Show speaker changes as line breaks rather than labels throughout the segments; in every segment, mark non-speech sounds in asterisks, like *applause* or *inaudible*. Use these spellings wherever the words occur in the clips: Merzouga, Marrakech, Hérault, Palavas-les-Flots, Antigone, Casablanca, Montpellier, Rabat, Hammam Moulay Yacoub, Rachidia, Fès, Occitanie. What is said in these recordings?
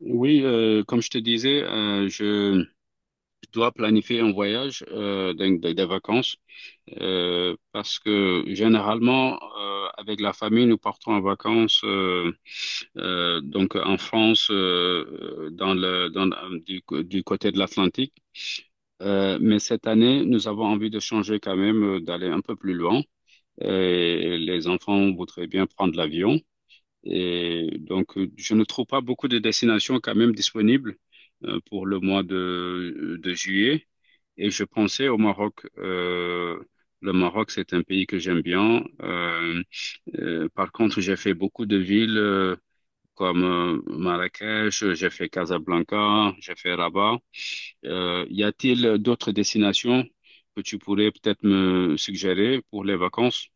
Oui, comme je te disais, je dois planifier un voyage, donc des vacances, parce que généralement, avec la famille, nous partons en vacances, donc en France, dans le, dans, du côté de l'Atlantique. Mais cette année, nous avons envie de changer quand même, d'aller un peu plus loin. Et les enfants voudraient bien prendre l'avion. Et donc, je ne trouve pas beaucoup de destinations quand même disponibles pour le mois de juillet. Et je pensais au Maroc. Le Maroc, c'est un pays que j'aime bien. Par contre, j'ai fait beaucoup de villes comme Marrakech, j'ai fait Casablanca, j'ai fait Rabat. Y a-t-il d'autres destinations que tu pourrais peut-être me suggérer pour les vacances?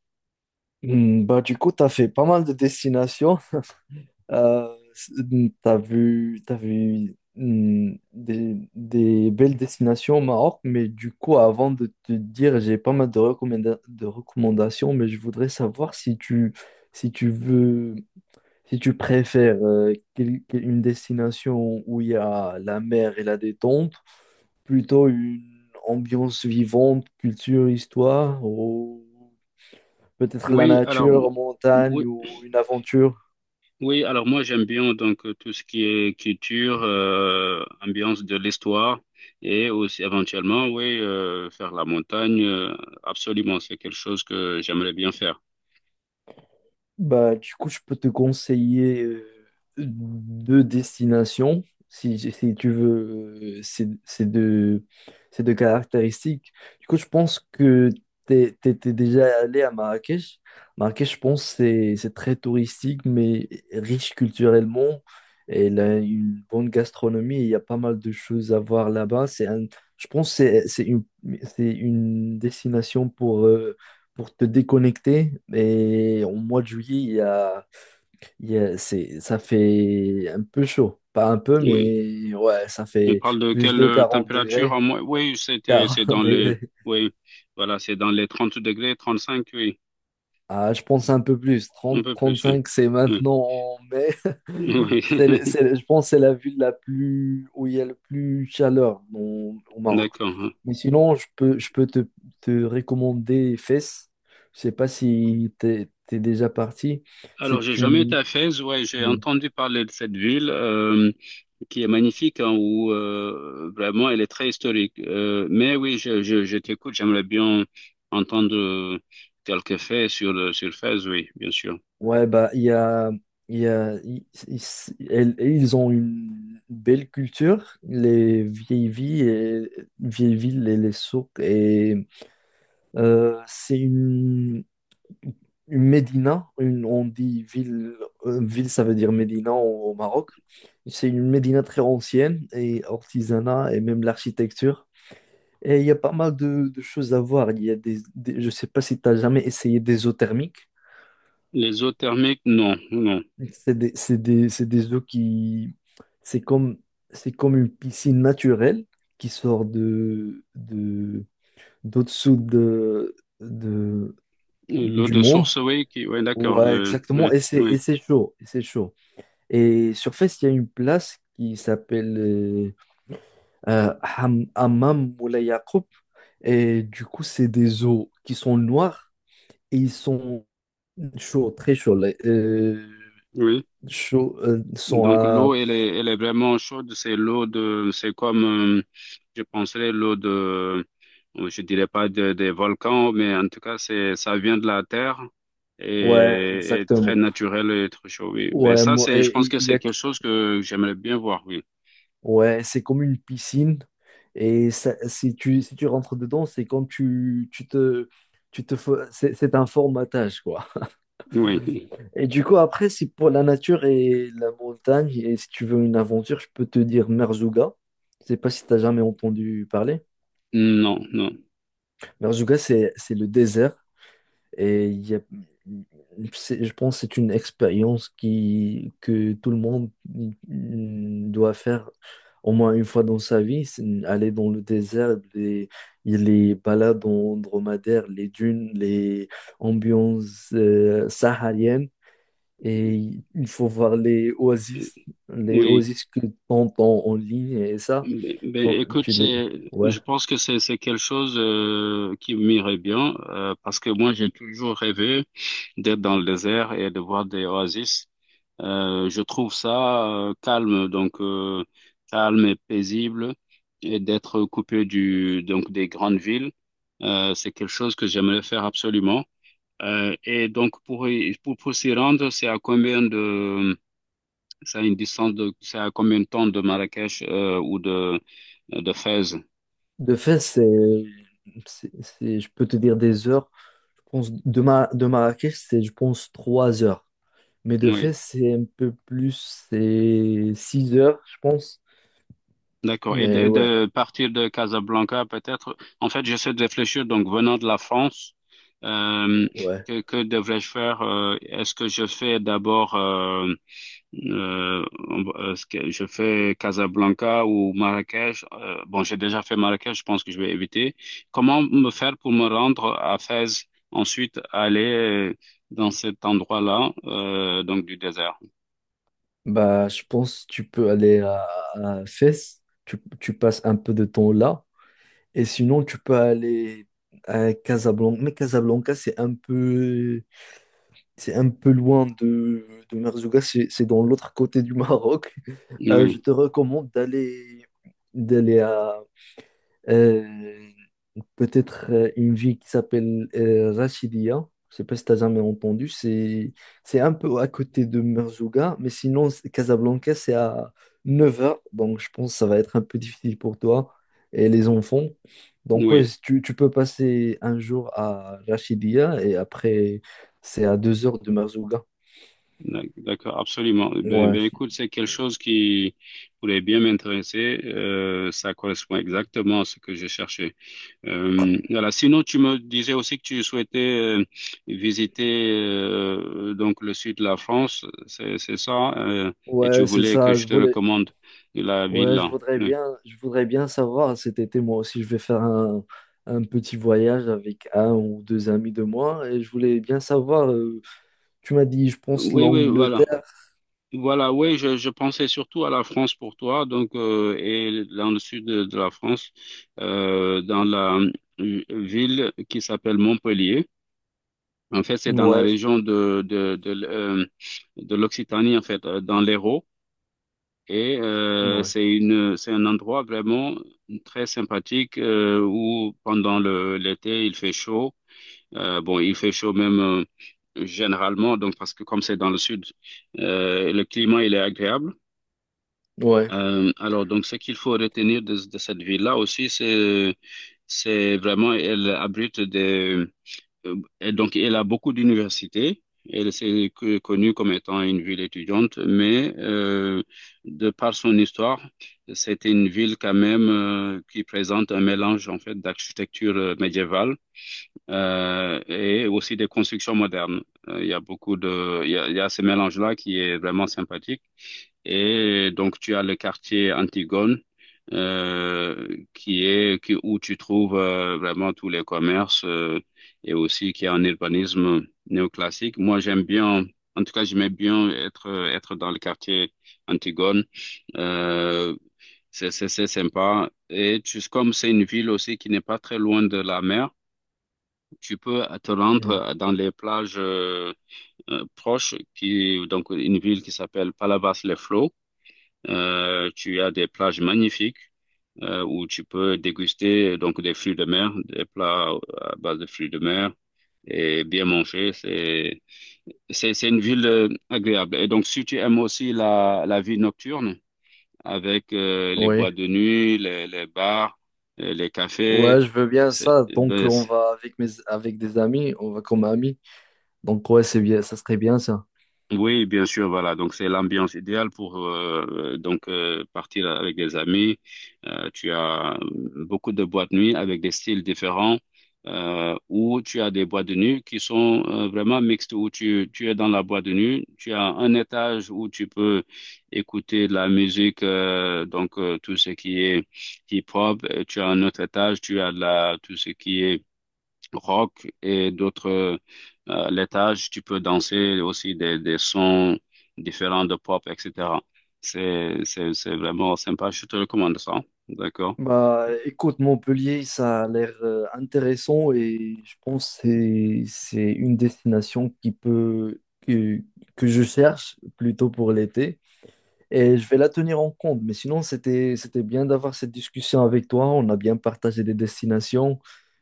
Hmm. Bah, du coup, tu as fait pas mal de destinations. Tu as vu, des belles destinations au Maroc, mais du coup, avant de te dire, j'ai pas mal de de recommandations, mais je voudrais savoir si tu veux, si tu préfères une destination où il y a la mer et la détente, plutôt une ambiance vivante, culture, histoire, peut-être la
Oui, alors, m-
nature, montagne
oui,
ou une aventure.
Oui, alors moi j'aime bien donc tout ce qui est culture, ambiance de l'histoire et aussi éventuellement oui faire la montagne. Absolument, c'est quelque chose que j'aimerais bien faire.
Bah, du coup, je peux te conseiller deux destinations si, si tu veux ces deux caractéristiques. Du coup, je pense que tu étais déjà allé à Marrakech. Marrakech, je pense, c'est très touristique, mais riche culturellement. Elle a une bonne gastronomie et il y a pas mal de choses à voir là-bas. Je pense que c'est une destination pour te déconnecter. Et au mois de juillet, il y a- c'est, ça fait un peu chaud. Pas un peu,
Oui.
mais ouais, ça
On
fait
parle de
plus
quelle
de 40
température en
degrés.
moins? Oui,
*laughs*
c'était c'est
quarante
dans les
degrés.
oui, voilà, c'est dans les 30 degrés, 35. Oui,
Ah, je pense un peu plus.
un
Trente,
peu
trente
plus. Oui,
cinq, c'est
oui,
maintenant en mai. *laughs*
*laughs*
C'est, le-
oui.
c'est le- je pense que c'est la ville la plus, où il y a le plus chaleur au Maroc.
D'accord, hein.
Mais sinon, je peux te recommander Fès. Je sais pas si t'es déjà parti.
Alors j'ai
C'est
jamais été
une,
à Fès. Ouais, j'ai entendu parler de cette ville, qui est magnifique, hein, où vraiment elle est très historique. Mais oui, je t'écoute, j'aimerais bien entendre quelques faits sur le Fès, oui, bien sûr.
Ouais, bah, ils ont une belle culture, les vieilles villes, et vieilles villes et les souks. Et c'est une médina, on dit ville, ça veut dire médina au Maroc. C'est une médina très ancienne et artisanat et même l'architecture. Et il y a pas mal de choses à voir. Il y a je sais pas si tu as jamais essayé des eaux thermiques.
Les eaux thermiques, non, non.
C'est des eaux qui... C'est comme, c'est comme une piscine naturelle qui sort d'au-dessous de, de,
L'eau
du
de
monde.
source, oui, qui, ouais, d'accord,
Ouais,
le, oui,
exactement. Et c'est,
oui,
et c'est chaud. Et c'est chaud. Et sur Fès, il y a une place qui s'appelle Hammam Moulay Yacoub. Et du coup, c'est des eaux qui sont noires et ils sont chauds, très chauds.
oui.
Chauds, sont
Donc
à.
l'eau, elle est vraiment chaude. C'est l'eau de, c'est comme, je penserais l'eau de, je dirais pas des volcans, mais en tout cas c'est, ça vient de la terre
Ouais,
et très
exactement.
naturel et très chaud. Oui. Ben
Ouais,
ça
moi,
c'est, je pense
il
que
y
c'est
a,
quelque chose que j'aimerais bien voir. Oui.
ouais, c'est comme une piscine. Si tu, si tu rentres dedans, c'est comme c'est un formatage, quoi.
Oui.
Et du coup, après, si pour la nature et la montagne, et si tu veux une aventure, je peux te dire Merzouga. Je sais pas si tu as jamais entendu parler.
Non, non.
Merzouga, c'est le désert. Et il y a- c'est- je pense que c'est une expérience qui, que tout le monde doit faire au moins une fois dans sa vie, c'est aller dans le désert, les balades en dromadaire, les dunes, les ambiances sahariennes. Et il faut voir les oasis, les
Oui.
oasis que t'entends en ligne et ça,
Ben, ben,
faut,
écoute,
tu les...
c'est,
Ouais.
je pense que c'est quelque chose qui m'irait bien parce que moi j'ai toujours rêvé d'être dans le désert et de voir des oasis. Je trouve ça calme, donc calme et paisible, et d'être coupé du donc des grandes villes, c'est quelque chose que j'aimerais faire absolument. Et donc pour pour s'y rendre, c'est à combien de, c'est à une distance de, c'est à combien de temps de Marrakech ou de Fès?
De fait, je peux te dire des heures. Je pense de Marrakech, c'est, je pense, 3 heures. Mais de fait,
Oui.
c'est un peu plus, c'est 6 heures, je pense.
D'accord. Et de,
Mais
et
ouais,
de partir de Casablanca, peut-être. En fait, j'essaie de réfléchir, donc venant de la France, euh,
ouais.
que devrais-je faire? Est-ce que je fais d'abord, euh, est-ce que je fais Casablanca ou Marrakech? Bon, j'ai déjà fait Marrakech, je pense que je vais éviter. Comment me faire pour me rendre à Fès, ensuite aller dans cet endroit-là, donc du désert?
Bah, je pense que tu peux aller à Fès, tu passes un peu de temps là. Et sinon, tu peux aller à Casablanca. Mais Casablanca, c'est un peu. C'est un peu loin de Merzouga, c'est dans l'autre côté du Maroc. *laughs* Je
Oui,
te recommande d'aller à euh, peut-être une ville qui s'appelle Rachidia. Je sais pas si tu as jamais entendu. C'est un peu à côté de Merzouga, mais sinon Casablanca c'est à 9 heures, donc je pense que ça va être un peu difficile pour toi et les enfants. Donc ouais,
oui.
si tu peux passer un jour à Rachidia et après c'est à 2 heures de Merzouga.
D'accord, absolument. Ben,
Ouais,
ben, écoute, c'est quelque chose qui pourrait bien m'intéresser. Ça correspond exactement à ce que je cherchais. Voilà. Sinon, tu me disais aussi que tu souhaitais visiter donc le sud de la France, c'est ça, et tu
ouais, c'est
voulais que
ça. Je
je te
voulais,
recommande la ville
ouais, je
là.
voudrais
Oui,
bien, je voudrais bien savoir cet été, moi aussi, je vais faire un petit voyage avec un ou deux amis de moi et je voulais bien savoir. Tu m'as dit, je pense,
oui, oui, voilà.
l'Angleterre.
Voilà, oui, je pensais surtout à la France pour toi, donc et dans le sud de la France, dans la ville qui s'appelle Montpellier. En fait, c'est dans la
Ouais,
région de l'Occitanie, en fait, dans l'Hérault, et
ouais,
c'est un endroit vraiment très sympathique où pendant le l'été il fait chaud. Bon, il fait chaud même généralement, donc parce que comme c'est dans le sud, le climat il est agréable.
ouais,
Alors, donc, ce qu'il faut retenir de cette ville-là aussi, c'est, vraiment, elle abrite et donc, elle a beaucoup d'universités. Elle s'est connue comme étant une ville étudiante, mais de par son histoire, c'est une ville quand même qui présente un mélange en fait d'architecture médiévale et aussi des constructions modernes. Il y a beaucoup de, il y a ce mélange-là qui est vraiment sympathique. Et donc, tu as le quartier Antigone, qui est qui, où tu trouves vraiment tous les commerces et aussi qui a un urbanisme néoclassique. Moi, j'aime bien, en tout cas, j'aimais bien être dans le quartier Antigone. Euh, c'est sympa. Et tu, comme c'est une ville aussi qui n'est pas très loin de la mer, tu peux te
mhm,
rendre dans les plages proches, qui donc une ville qui s'appelle Palavas-les-Flots, tu as des plages magnifiques où tu peux déguster donc des fruits de mer, des plats à base de fruits de mer et bien manger. C'est une ville agréable. Et donc si tu aimes aussi la vie nocturne avec les boîtes
ouais,
de nuit, les bars, les
ouais,
cafés,
je veux bien
c'est,
ça. Donc,
ben,
on va avec mes, avec des amis, on va comme amis. Donc, ouais, c'est bien, ça serait bien ça.
oui, bien sûr, voilà. Donc c'est l'ambiance idéale pour partir avec des amis. Tu as beaucoup de boîtes de nuit avec des styles différents, ou tu as des boîtes de nuit qui sont vraiment mixtes, où tu es dans la boîte de nuit, tu as un étage où tu peux écouter de la musique, tout ce qui est hip-hop. Et tu as un autre étage, tu as de la tout ce qui est rock et d'autres laitages. Tu peux danser aussi des sons différents de pop, etc. C'est vraiment sympa. Je te recommande ça. D'accord?
Bah, écoute, Montpellier, ça a l'air intéressant et je pense que c'est une destination qui peut que je cherche plutôt pour l'été et je vais la tenir en compte. Mais sinon, c'était bien d'avoir cette discussion avec toi. On a bien partagé des destinations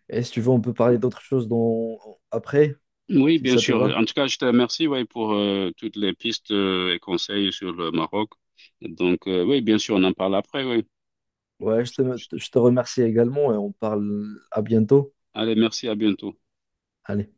et si tu veux, on peut parler d'autres choses dans... après,
Oui,
si
bien
ça te
sûr.
va.
En tout cas, je te remercie, ouais, pour toutes les pistes et conseils sur le Maroc. Donc, oui, bien sûr, on en parle après, oui.
Ouais, je te remercie également et on parle à bientôt.
Allez, merci, à bientôt.
Allez.